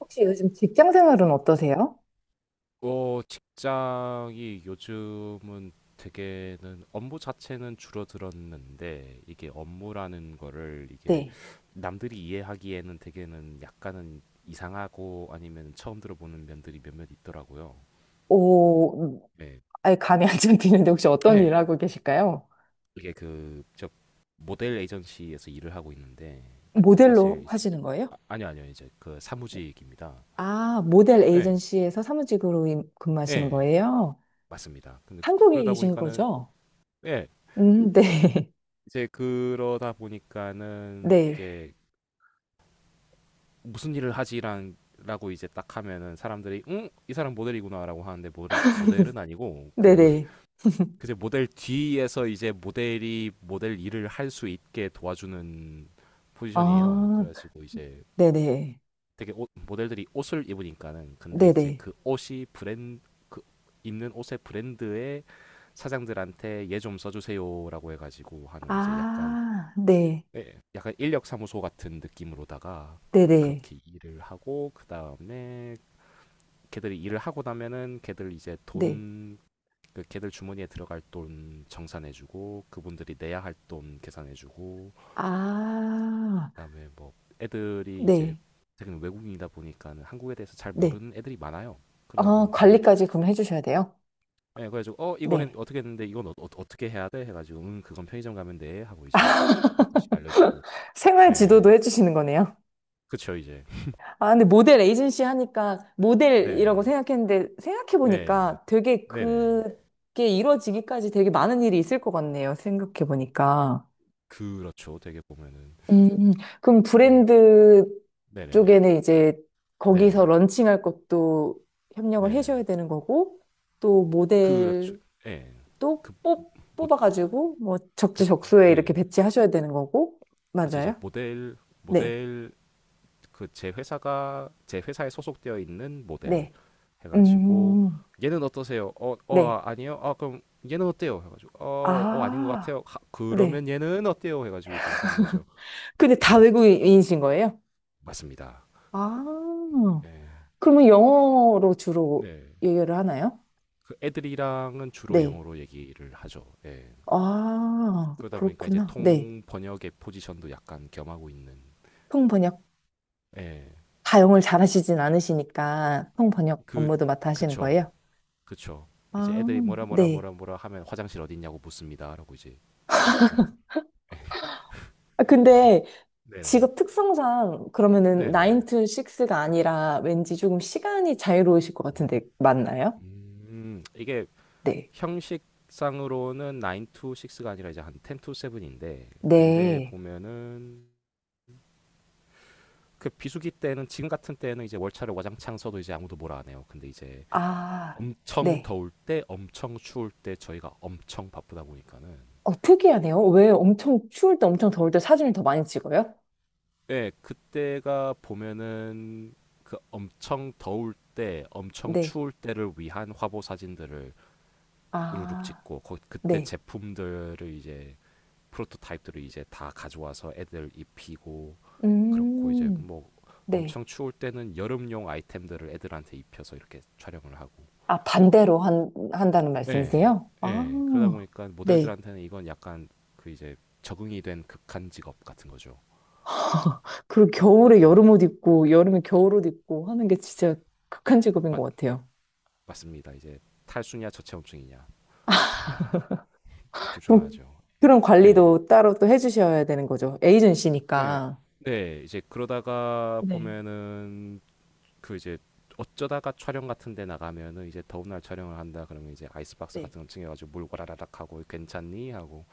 혹시 요즘 직장 생활은 어떠세요? 직장이 요즘은 되게는 업무 자체는 줄어들었는데, 이게 업무라는 거를 이게 네. 남들이 이해하기에는 되게는 약간은 이상하고 아니면 처음 들어보는 면들이 몇몇 있더라고요. 오, 네. 아예 감이 안 잡히는데 혹시 어떤 네. 일 하고 계실까요? 이게 그 저 모델 에이전시에서 일을 하고 있는데 그 모델로 사실 이제- 하시는 거예요? 아, 아니요 아니요, 이제 그 사무직입니다. 아, 모델 예. 에이전시에서 사무직으로 근무하시는 예. 거예요? 맞습니다. 근데 한국에 그러다 계신 보니까는. 거죠? 예. 네. 이제 그러다 보니까는 네. 이게 무슨 일을 하지란 라고 이제 딱 하면은 사람들이 응? 이 사람 모델이구나라고 하는데 모델 모델은 아니고 그 네네. 이제 모델 뒤에서 이제 모델이 모델 일을 할 수 있게 도와주는 포지션이에요. 아, 그래가지고 이제 네네. 되게 옷, 모델들이 옷을 입으니까는 근데 이제 네네. 그 옷이 브랜드 그 입는 옷의 브랜드의 사장들한테 얘 좀 써주세요라고 해가지고 하는 이제 약간, 아, 네. 네, 약간 인력사무소 같은 느낌으로다가 네네. 그렇게 일을 하고. 그 다음에 걔들이 일을 하고 나면은 걔들 이제 네. 돈, 그 걔들 주머니에 들어갈 돈 정산해주고, 그분들이 내야 할 돈 계산해주고, 아, 그다음에 뭐 애들이 이제 네. 되게 외국인이다 보니까는 한국에 대해서 잘 네. 모르는 애들이 많아요. 그러다 아, 보니까는, 관리까지 그럼 해주셔야 돼요? 예, 그래가지고 어 이거 네. 어떻게 했는데 이건 떻게 해야 돼? 해가지고 그건 편의점 가면 돼 하고 이제 하나씩 알려주고. 생활 지도도 예. 해주시는 거네요? 그쵸. 이제. 아, 근데 모델 에이전시 하니까 모델이라고 네네. 생각했는데 네. 생각해보니까 되게 네네. 그게 이루어지기까지 되게 많은 일이 있을 것 같네요. 생각해보니까. 그렇죠. 되게 보면은. 음, 그럼 어. 브랜드 네네. 쪽에는 이제 거기서 네네. 런칭할 것도 협력을 해줘야 네네. 되는 거고 또 그렇죠. 모델도 예. 그 모 뽑아가지고 뭐 그 적지적소에 이렇게 예. 배치하셔야 되는 거고 그치 이제 맞아요? 모델 네, 모델 그 제 회사에 소속되어 있는 모델 네, 해 가지고 음, "얘는 어떠세요?" "어 어 네, 아 아니요." "아 그럼 얘는 어때요?" 해 가지고 "어 어 아닌 것 아, 같아요." "하 그러면 네. 얘는 어때요?" 해 가지고 이제 하는 거죠. 근데 다 외국인이신 거예요? 맞습니다. 아, 예. 그러면 영어로 주로 네. 얘기를 하나요? 그 애들이랑은 주로 네. 영어로 얘기를 하죠. 예. 아, 그러다 보니까 이제 그렇구나. 네. 통 번역의 포지션도 약간 겸하고 있는. 통번역. 다 영어를 잘하시진 않으시니까 통번역 예그그 업무도 맡아 하시는 그쵸. 거예요? 그쵸. 이제 아, 애들이 뭐라 뭐라 네. 뭐라 뭐라 하면 화장실 어디 있냐고 묻습니다라고 이제 해주고. 아, 근데 네네. 직업 특성상 그러면은 네네. 9 to 6가 아니라 왠지 조금 시간이 자유로우실 것 같은데 맞나요? 이게 네. 형식상으로는 9 to 6가 아니라 이제 한 10 to 7인데 근데 네. 보면은 그 비수기 때는 지금 같은 때는 이제 월차를 와장창 써도 이제 아무도 뭐라 안 해요. 근데 이제 아, 엄청 네. 더울 때 엄청 추울 때 저희가 엄청 바쁘다 보니까는, 어, 특이하네요. 왜 엄청 추울 때 엄청 더울 때 사진을 더 많이 찍어요? 예, 그때가 보면은 그 엄청 더울 때, 엄청 네. 추울 때를 위한 화보 사진들을 우르륵 아, 찍고 그때 네. 제품들을 이제 프로토타입들을 이제 다 가져와서 애들 입히고 그렇고 이제 음, 뭐 네. 엄청 추울 때는 여름용 아이템들을 애들한테 입혀서 이렇게 촬영을 하고. 아, 반대로 한다는 예, 말씀이세요? 아, 예. 그러다 보니까 네. 모델들한테는 이건 약간 그 이제 적응이 된 극한 직업 같은 거죠. 그리고 겨울에 예, 여름 옷 입고, 여름에 겨울 옷 입고 하는 게 진짜 극한 직업인 것 맞, 같아요. 맞습니다. 이제 탈수냐 저체온증이냐 조충 안 그럼 하죠. 그런 네, 관리도 따로 또 해주셔야 되는 거죠. 네, 에이전시니까. 네. 이제 그러다가 네. 보면은 그 이제 어쩌다가 촬영 같은 데 나가면은 이제 더운 날 촬영을 한다 그러면 이제 아이스박스 네. 같은 거 챙겨가지고 물 와라라락 하고 괜찮니 하고.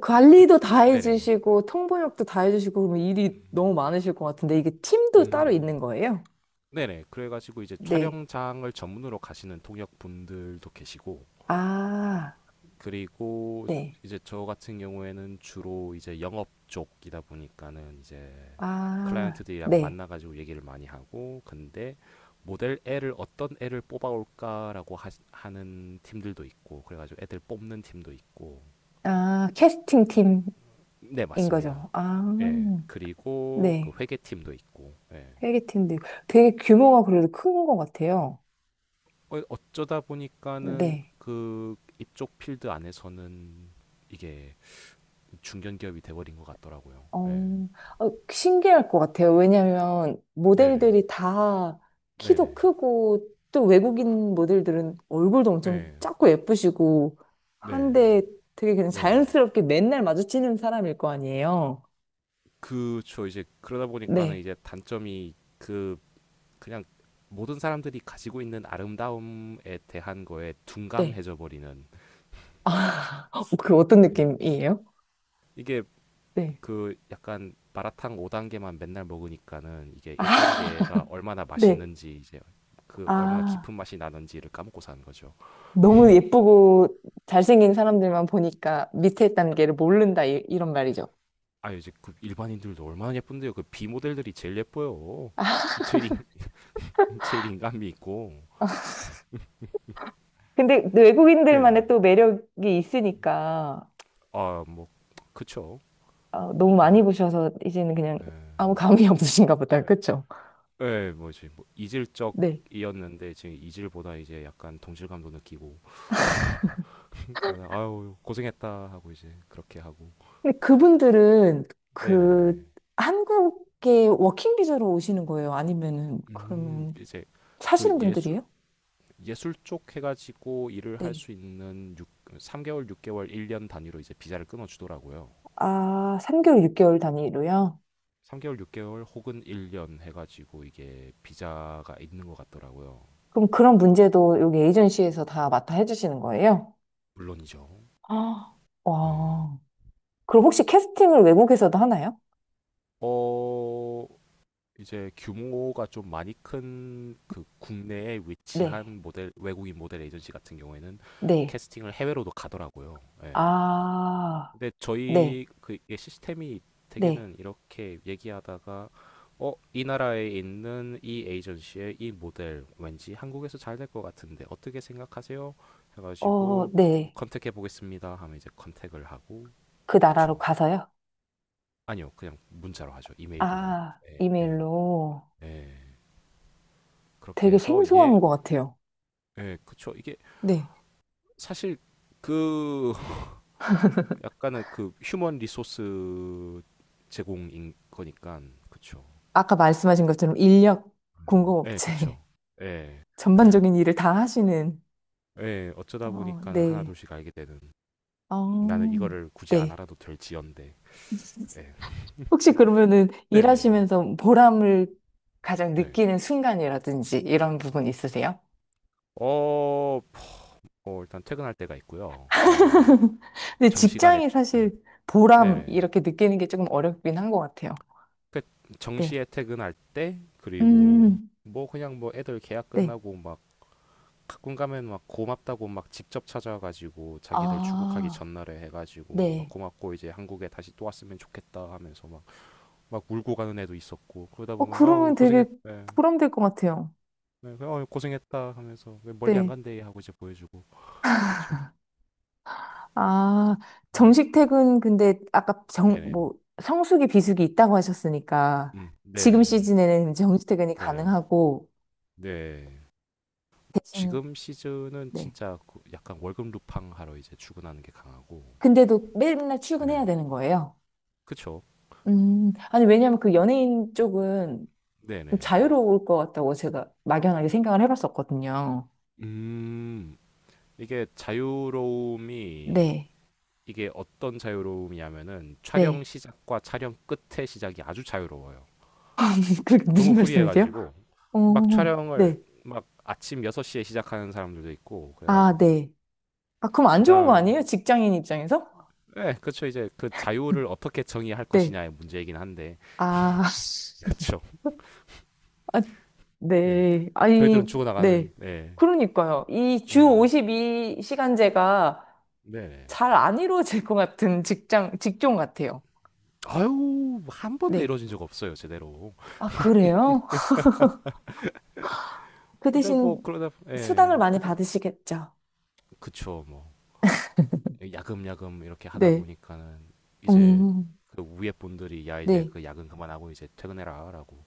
관리도 그치. 다 네네. 해주시고 통번역도 다 해주시고 그러면 일이 너무 많으실 것 같은데 이게 팀도 따로 음. 있는 거예요? 네네. 그래가지고 이제 네. 촬영장을 전문으로 가시는 통역 분들도 계시고 아, 그리고 네. 이제 저 같은 경우에는 주로 이제 영업 쪽이다 보니까는 이제 아, 클라이언트들이랑 네. 만나가지고 얘기를 많이 하고 근데 모델 애를 어떤 애를 뽑아올까라고 하는 팀들도 있고 그래가지고 애들 뽑는 팀도 있고. 아, 캐스팅 팀인 네 맞습니다. 거죠. 아, 예 그리고 그 네. 회계 팀도 있고. 예. 회계팀도 있고. 되게 규모가 그래도 큰 것 같아요. 어쩌다 보니까는 네. 그 이쪽 필드 안에서는 이게 중견 기업이 돼버린 것 같더라고요. 예. 어, 어, 신기할 것 같아요. 왜냐하면 네네. 모델들이 다 키도 네네. 크고 또 외국인 모델들은 얼굴도 엄청 예. 작고 예쁘시고 네네. 한데 되게 그냥 네네. 자연스럽게 맨날 마주치는 사람일 거 아니에요. 그쵸. 이제 그러다 보니까는 네, 이제 단점이 그 그냥 모든 사람들이 가지고 있는 아름다움에 대한 거에 네. 둔감해져 버리는. 아, 그 어떤 느낌이에요? 이게 네. 그 약간 마라탕 5단계만 맨날 먹으니까는 이게 아, 1단계가 얼마나 네. 맛있는지 이제 그 얼마나 아, 깊은 맛이 나는지를 까먹고 사는 거죠. 너무 예쁘고 잘생긴 사람들만 보니까 밑에 단계를 모른다 이런 말이죠. 아 이제 그 일반인들도 얼마나 예쁜데요. 그 B 모델들이 제일 예뻐요. 제일 인, 제일 인간미 있고. 근데 외국인들만의 네네. 또 매력이 있으니까 아 뭐 그쵸. 아, 너무 그 이제 많이 보셔서 이제는 그냥 에, 아무 감이 없으신가 보다. 에. 그쵸? 예, 뭐지 뭐 네. 이질적이었는데 지금 이질보다 이제 약간 동질감도 느끼고 그러니까 아유 고생했다 하고 이제 그렇게 하고. 근데 그분들은 네네. 그 한국에 워킹 비자로 오시는 거예요? 아니면은 그러면 이제 그 사시는 예술 분들이에요? 예술 쪽 해가지고 일을 할 네. 수 있는 3개월, 6개월, 1년 단위로 이제 비자를 끊어주더라고요. 아, 3개월, 6개월 단위로요? 3개월, 6개월 혹은 1년 해가지고 이게 비자가 있는 것 같더라고요. 그럼 그런 문제도 여기 에이전시에서 다 맡아 해주시는 거예요? 물론이죠. 아, 네. 와. 그럼 혹시 캐스팅을 외국에서도 하나요? 어, 이제 규모가 좀 많이 큰 그 국내에 네. 위치한 모델 외국인 모델 에이전시 같은 경우에는 네. 캐스팅을 해외로도 가더라고요. 예. 아. 근데 네, 저희 그게 시스템이 네, 되게는 이렇게 얘기하다가 어, 이 나라에 있는 이 에이전시의 이 모델 왠지 한국에서 잘 될 것 같은데 어떻게 생각하세요? 어, 해가지고 어, 네. 컨택해 보겠습니다 하면 이제 컨택을 하고. 그 나라로 그쵸? 가서요? 아니요 그냥 문자로 하죠 이메일이나. 아, 예, 예, 이메일로 예. 그렇게 되게 해서 얘. 생소한 것 같아요. 예, 그쵸. 이게 네. 사실 그 약간은 그 휴먼 리소스 제공인 거니까 그쵸. 아까 말씀하신 것처럼 인력 예, 공급업체 그쵸. 예, 전반적인 일을 다 하시는, 예, 어쩌다 어, 보니까는 네. 하나둘씩 알게 되는 나는 어, 이거를 굳이 안 네. 알아도 될지언데. 예. 혹시 그러면은 네네. 일하시면서 보람을 가장 네. 느끼는 순간이라든지 이런 부분 있으세요? 어, 뭐 일단 퇴근할 때가 있고요. 어, 근데 정시간에. 직장이 예, 사실 보람 네네. 이렇게 느끼는 게 조금 어렵긴 한 것 같아요. 그 네. 정시에 퇴근할 때. 그리고 음, 뭐 그냥 뭐 애들 계약 네. 끝나고 막 가끔 가면 막 고맙다고 막 직접 찾아가지고 자기들 출국하기 아, 전날에 해가지고 막 네. 고맙고 이제 한국에 다시 또 왔으면 좋겠다 하면서 막 막 울고 가는 애도 있었고 그러다 어, 보면 아우 그러면 되게 고생했 예. 보람될 것 같아요. 예, 어 고생했다 하면서 왜 멀리 안 네. 간대 하고 이제 보여주고. 그쵸. 아, 예. 정식 퇴근, 근데 아까 정, 네네. 뭐, 성수기, 비수기 있다고 하셨으니까 음. 지금 네네. 시즌에는 정식 퇴근이 네네. 가능하고 네. 대신, 지금 시즌은 네. 진짜 그 약간 월급 루팡 하러 이제 출근하는 게 강하고. 근데도 맨날 예. 출근해야 되는 거예요. 그쵸. 아니, 왜냐면 그 연예인 쪽은 좀 네네. 자유로울 것 같다고 제가 막연하게 생각을 해봤었거든요. 음. 이게 자유로움이 네. 이게 어떤 자유로움이냐면은 촬영 네. 시작과 촬영 끝의 시작이 아주 자유로워요. 그게 너무 무슨 말씀이세요? 후리해가지고 어, 막 촬영을 네. 막 아침 6시에 시작하는 사람들도 있고 아, 그래가지고 네. 아, 그럼 안 그 좋은 거 다음에 아니에요? 직장인 입장에서? 네, 그쵸 이제 그 자유를 어떻게 정의할 네. 것이냐의 문제이긴 한데 아, 그쵸. 아, 네. 네. 아니, 저희들은 죽어나가는. 네. 네. 그러니까요. 이 주 네. 52시간제가 네. 잘 안 이루어질 것 같은 직장, 직종 같아요. 아유 한 번도 네. 이루어진 적 없어요 제대로. 아, 그래요? 그 근데 뭐 대신 그러다 수당을 예 많이 그 받으시겠죠? 그쵸 뭐 야금야금 이렇게 하다 네. 보니까는 이제 음, 그 위에 분들이 야 이제 네. 그 야근 그만하고 이제 퇴근해라라고.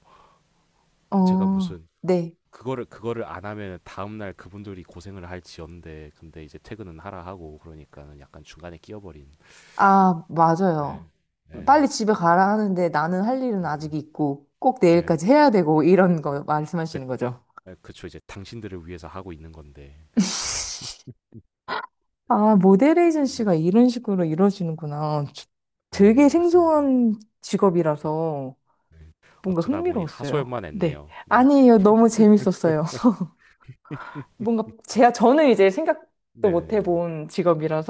제가 어, 무슨 네. 그거를 안 하면 다음 날 그분들이 고생을 할지언데 근데 이제 퇴근은 하라 하고 그러니까는 약간 중간에 끼어버린. 아, 맞아요. 예, 예, 빨리 집에 가라 하는데 나는 할 일은 예, 아직 있고 꼭 예. 내일까지 해야 되고 이런 거 그 말씀하시는 거죠. 예, 그쵸 이제 당신들을 위해서 하고 있는 건데. 아, 모델 에이전시가 이런 식으로 이루어지는구나. 되게 예, 맞습니다. 생소한 직업이라서 예. 뭔가 어쩌다 보니 흥미로웠어요. 하소연만 네. 했네요. 네, 아니에요. 너무 재밌었어요. 뭔가 제가 저는 이제 생각도 못 네네. 해본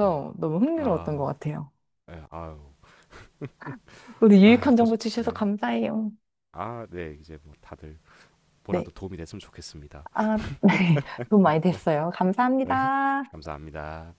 네. 네. 너무 흥미로웠던 것 아, 같아요. 예, 아유. 오늘 아, 유익한 정보 고생. 주셔서 네. 감사해요. 아, 네. 이제 뭐 다들 뭐라도 네. 도움이 됐으면 좋겠습니다. 아, 네. 도움 많이 됐어요. 네, 감사합니다. 감사합니다.